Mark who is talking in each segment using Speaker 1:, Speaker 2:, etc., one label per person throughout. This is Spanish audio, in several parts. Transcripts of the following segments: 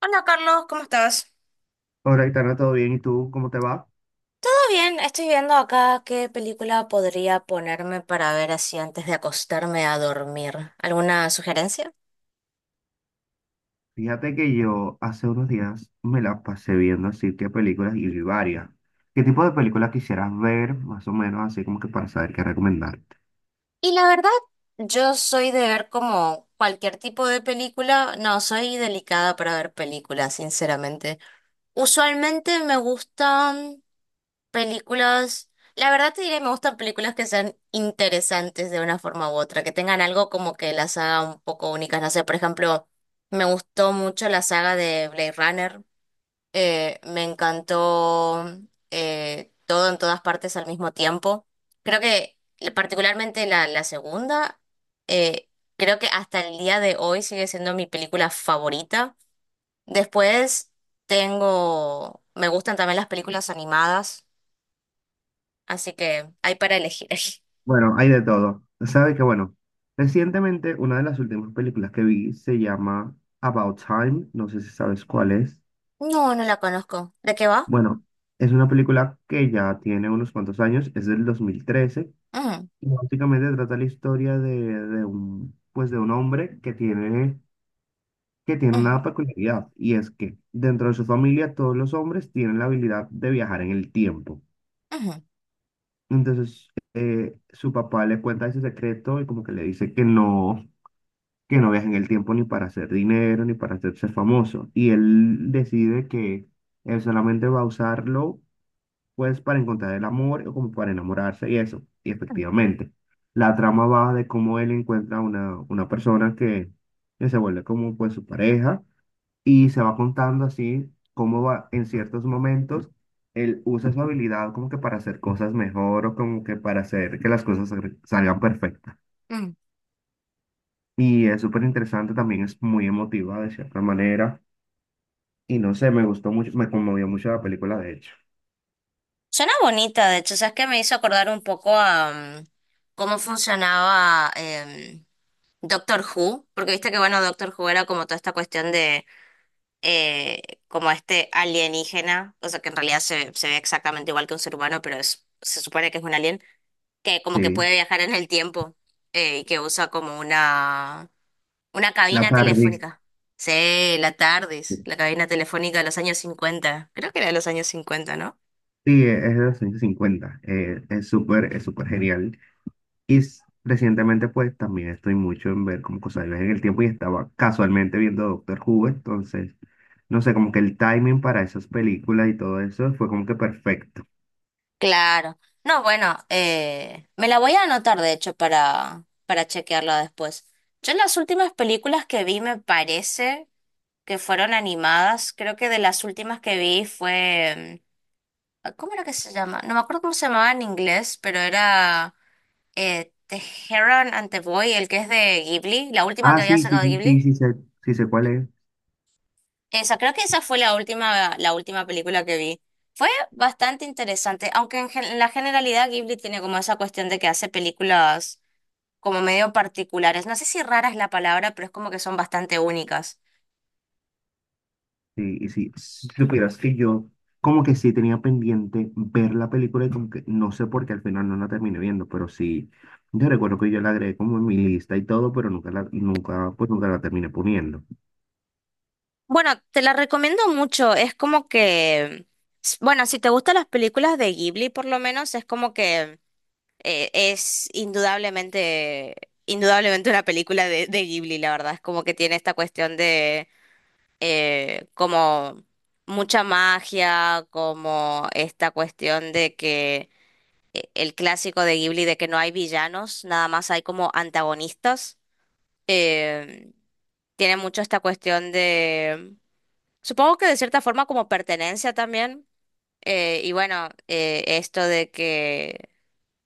Speaker 1: Hola Carlos, ¿cómo estás?
Speaker 2: Hola, Itana, ¿todo bien? ¿Y tú cómo te va?
Speaker 1: Todo bien, estoy viendo acá qué película podría ponerme para ver así antes de acostarme a dormir. ¿Alguna sugerencia?
Speaker 2: Fíjate que yo hace unos días me la pasé viendo así que películas y vi varias. ¿Qué tipo de películas quisieras ver, más o menos, así como que para saber qué recomendarte?
Speaker 1: Y la verdad, yo soy de ver como cualquier tipo de película. No, soy delicada para ver películas, sinceramente. Usualmente me gustan películas, la verdad te diré, me gustan películas que sean interesantes de una forma u otra, que tengan algo como que las haga un poco únicas. No sé, por ejemplo, me gustó mucho la saga de Blade Runner. Me encantó todo en todas partes al mismo tiempo. Creo que particularmente la segunda, eh, creo que hasta el día de hoy sigue siendo mi película favorita. Después tengo, me gustan también las películas animadas. Así que hay para elegir ahí.
Speaker 2: Bueno, hay de todo. Sabes que, bueno, recientemente una de las últimas películas que vi se llama About Time, no sé si sabes cuál es.
Speaker 1: No, no la conozco. ¿De qué va?
Speaker 2: Bueno, es una película que ya tiene unos cuantos años, es del 2013.
Speaker 1: Mm,
Speaker 2: Y básicamente trata la historia de un, pues de un hombre que tiene una
Speaker 1: mm,
Speaker 2: peculiaridad y es que dentro de su familia todos los hombres tienen la habilidad de viajar en el tiempo.
Speaker 1: ujú.
Speaker 2: Entonces, su papá le cuenta ese secreto y como que le dice que no viaje en el tiempo ni para hacer dinero ni para hacerse famoso. Y él decide que él solamente va a usarlo pues para encontrar el amor o como para enamorarse y eso. Y
Speaker 1: mm,
Speaker 2: efectivamente, la trama va de cómo él encuentra una persona que se vuelve como pues su pareja y se va contando así cómo va en ciertos momentos él usa su habilidad como que para hacer cosas mejor o como que para hacer que las cosas salgan perfectas.
Speaker 1: mm.
Speaker 2: Y es súper interesante, también es muy emotiva de cierta manera. Y no sé, me gustó mucho, me conmovió mucho la película, de hecho.
Speaker 1: Suena bonita, de hecho. ¿Sabes qué? Me hizo acordar un poco a mm, cómo funcionaba Doctor Who, porque viste que, bueno, Doctor Who era como toda esta cuestión de eh, como este alienígena, o sea, que en realidad se, se ve exactamente igual que un ser humano, pero es, se supone que es un alien, que como que
Speaker 2: Sí,
Speaker 1: puede viajar en el tiempo, y que usa como una... una
Speaker 2: la
Speaker 1: cabina
Speaker 2: tardis.
Speaker 1: telefónica. Sí, la TARDIS, la cabina telefónica de los años cincuenta. Creo que era de los años 50, ¿no?
Speaker 2: Sí, es de los años 50. Es súper, es súper genial. Y recientemente, pues, también estoy mucho en ver como cosas de viajes en el tiempo y estaba casualmente viendo Doctor Who, entonces, no sé, como que el timing para esas películas y todo eso fue como que perfecto.
Speaker 1: Claro. No, bueno, me la voy a anotar, de hecho, para chequearla después. Yo las últimas películas que vi me parece que fueron animadas. Creo que de las últimas que vi fue... ¿cómo era que se llama? No me acuerdo cómo se llamaba en inglés, pero era The Heron and the Boy, el que es de Ghibli, la última
Speaker 2: Ah,
Speaker 1: que había
Speaker 2: sí, sí,
Speaker 1: sacado
Speaker 2: sí,
Speaker 1: Ghibli.
Speaker 2: sí sé cuál es.
Speaker 1: Esa, creo que esa fue la última película que vi. Fue bastante interesante, aunque en, en la generalidad Ghibli tiene como esa cuestión de que hace películas como medio particulares. No sé si rara es la palabra, pero es como que son bastante únicas.
Speaker 2: Sí, y sí, si supieras que yo como que sí tenía pendiente ver la película y como que no sé por qué al final no la terminé viendo, pero sí, yo recuerdo que yo la agregué como en mi lista y todo, pero nunca la, nunca, pues nunca la terminé poniendo.
Speaker 1: Bueno, te la recomiendo mucho. Es como que, bueno, si te gustan las películas de Ghibli, por lo menos, es como que es indudablemente, indudablemente una película de Ghibli, la verdad. Es como que tiene esta cuestión de como mucha magia, como esta cuestión de que el clásico de Ghibli de que no hay villanos, nada más hay como antagonistas. eh, Tiene mucho esta cuestión de, supongo que de cierta forma como pertenencia también. Y bueno, esto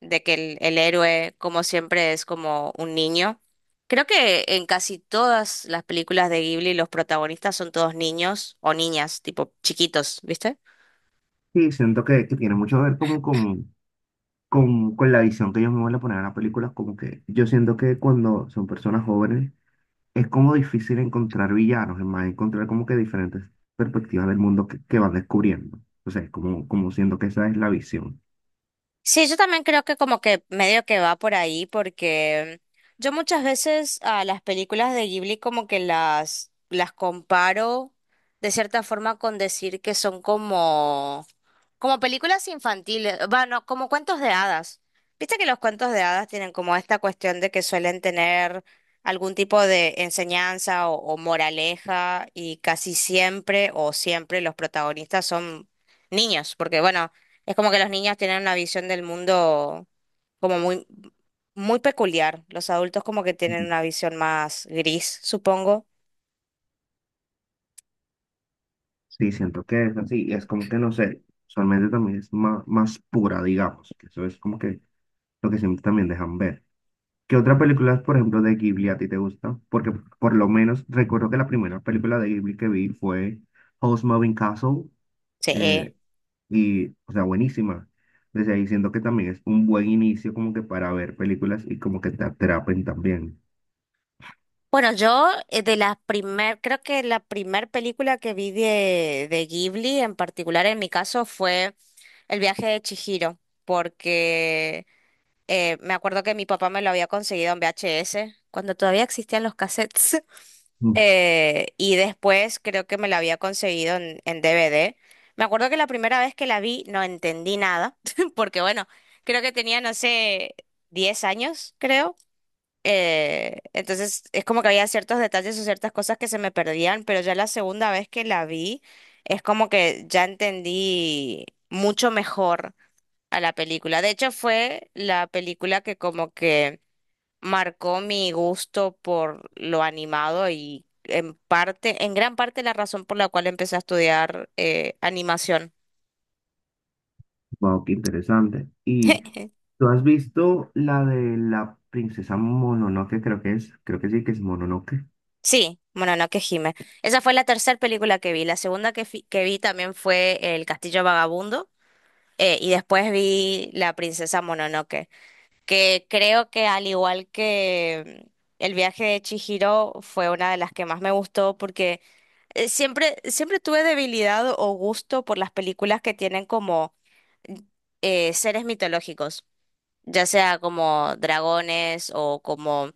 Speaker 1: de que el héroe, como siempre, es como un niño. Creo que en casi todas las películas de Ghibli los protagonistas son todos niños o niñas, tipo chiquitos, ¿viste?
Speaker 2: Sí, siento que tiene mucho que ver como con con la visión que ellos mismos le ponen a la película, como que yo siento que cuando son personas jóvenes es como difícil encontrar villanos, es más, encontrar como que diferentes perspectivas del mundo que van descubriendo. O sea, es como, como siento que esa es la visión.
Speaker 1: Sí, yo también creo que como que medio que va por ahí porque yo muchas veces a las películas de Ghibli como que las comparo de cierta forma con decir que son como como películas infantiles, bueno, como cuentos de hadas. Viste que los cuentos de hadas tienen como esta cuestión de que suelen tener algún tipo de enseñanza o moraleja y casi siempre o siempre los protagonistas son niños, porque bueno, es como que los niños tienen una visión del mundo como muy, muy peculiar. Los adultos como que tienen
Speaker 2: Ujú.
Speaker 1: una visión más gris, supongo.
Speaker 2: Sí, siento que es así, y es como que no sé, usualmente también es más, más pura, digamos, que eso es como que lo que siempre también dejan ver. ¿Qué otra película, por ejemplo, de Ghibli a ti te gusta? Porque por lo menos recuerdo que la primera película de Ghibli que vi fue House Moving Castle. Eh,
Speaker 1: Sí.
Speaker 2: Y, o sea, buenísima. Desde ahí siento que también es un buen inicio como que para ver películas y como que te atrapen también.
Speaker 1: Bueno, yo de la primer, creo que la primer película que vi de Ghibli en particular en mi caso fue El viaje de Chihiro, porque me acuerdo que mi papá me lo había conseguido en VHS, cuando todavía existían los cassettes,
Speaker 2: Mm.
Speaker 1: y después creo que me la había conseguido en DVD. Me acuerdo que la primera vez que la vi no entendí nada, porque bueno, creo que tenía, no sé, 10 años, creo. Entonces es como que había ciertos detalles o ciertas cosas que se me perdían, pero ya la segunda vez que la vi es como que ya entendí mucho mejor a la película. De hecho, fue la película que como que marcó mi gusto por lo animado y en parte, en gran parte la razón por la cual empecé a estudiar animación.
Speaker 2: Wow, qué interesante. ¿Y tú has visto la de la princesa Mononoke? Creo que es, creo que sí, que es Mononoke.
Speaker 1: Sí, bueno, no que gime. Esa fue la tercera película que vi. La segunda que, que vi también fue El Castillo Vagabundo. Y después vi La princesa Mononoke, que creo que al igual que El viaje de Chihiro fue una de las que más me gustó porque siempre, siempre tuve debilidad o gusto por las películas que tienen como mm, seres mitológicos, ya sea como dragones o como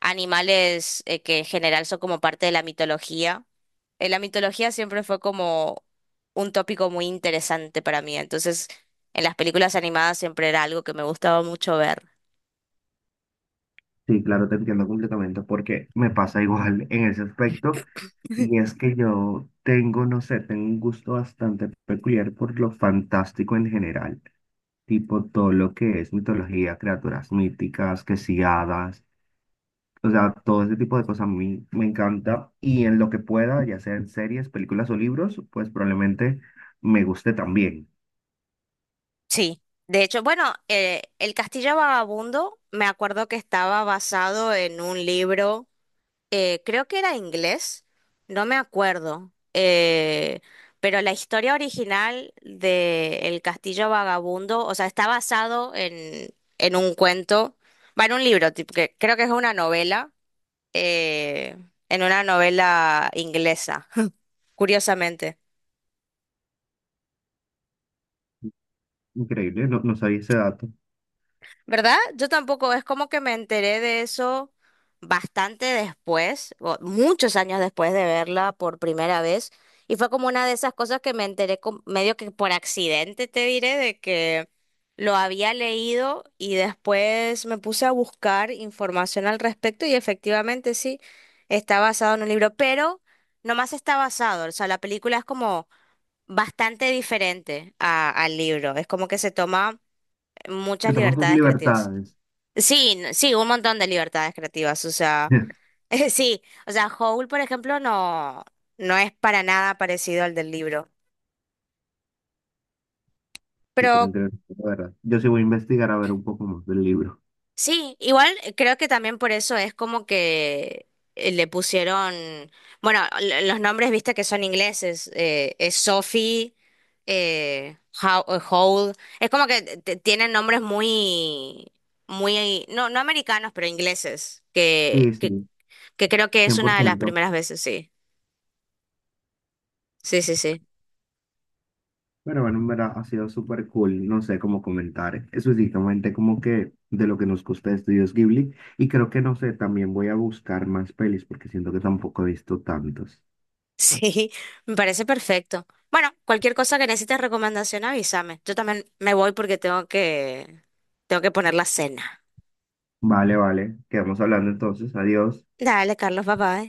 Speaker 1: animales que en general son como parte de la mitología. La mitología siempre fue como un tópico muy interesante para mí. Entonces, en las películas animadas siempre era algo que me gustaba mucho ver.
Speaker 2: Sí, claro, te entiendo completamente porque me pasa igual en ese aspecto. Y es que yo tengo, no sé, tengo un gusto bastante peculiar por lo fantástico en general. Tipo todo lo que es mitología, criaturas míticas, que si hadas. O sea, todo ese tipo de cosas a mí me encanta y en lo que pueda, ya sea en series, películas o libros, pues probablemente me guste también.
Speaker 1: Sí. De hecho, bueno, El Castillo Vagabundo, me acuerdo que estaba basado en un libro, creo que era inglés, no me acuerdo. Pero la historia original de El Castillo Vagabundo, o sea, está basado en un cuento, va en un libro, tipo, que creo que es una novela, eh, en una novela inglesa, curiosamente.
Speaker 2: Increíble, no, no sabía ese dato.
Speaker 1: ¿Verdad? Yo tampoco, es como que me enteré de eso bastante después, o muchos años después de verla por primera vez, y fue como una de esas cosas que me enteré medio que por accidente, te diré, de que lo había leído y después me puse a buscar información al respecto y efectivamente sí, está basado en un libro, pero no más está basado, o sea, la película es como bastante diferente al libro. Es como que se toma
Speaker 2: Te
Speaker 1: muchas
Speaker 2: toman tus
Speaker 1: libertades creativas.
Speaker 2: libertades.
Speaker 1: Sí, sí, un montón de libertades creativas. O sea, sí, o sea, Howl, por ejemplo, no, no es para nada parecido al del libro.
Speaker 2: Súper
Speaker 1: Pero
Speaker 2: interesante, la verdad. Yo sí voy a investigar a ver un poco más del libro.
Speaker 1: sí, igual creo que también por eso es como que le pusieron, bueno, los nombres, viste que son ingleses, es Sophie, Howell, es como que tienen nombres muy, muy, no, no americanos, pero ingleses,
Speaker 2: Sí, sí,
Speaker 1: que creo que es una de las
Speaker 2: 100%.
Speaker 1: primeras veces, sí, sí, sí, sí,
Speaker 2: Pero bueno, en verdad ha sido súper cool, no sé cómo comentar específicamente como que de lo que nos gusta de Estudios Ghibli. Y creo que, no sé, también voy a buscar más pelis porque siento que tampoco he visto tantos.
Speaker 1: sí, me parece perfecto. Bueno, cualquier cosa que necesites recomendación, avísame. Yo también me voy porque tengo que poner la cena.
Speaker 2: Vale, vale. Quedamos hablando entonces. Adiós.
Speaker 1: Dale, Carlos, bye bye.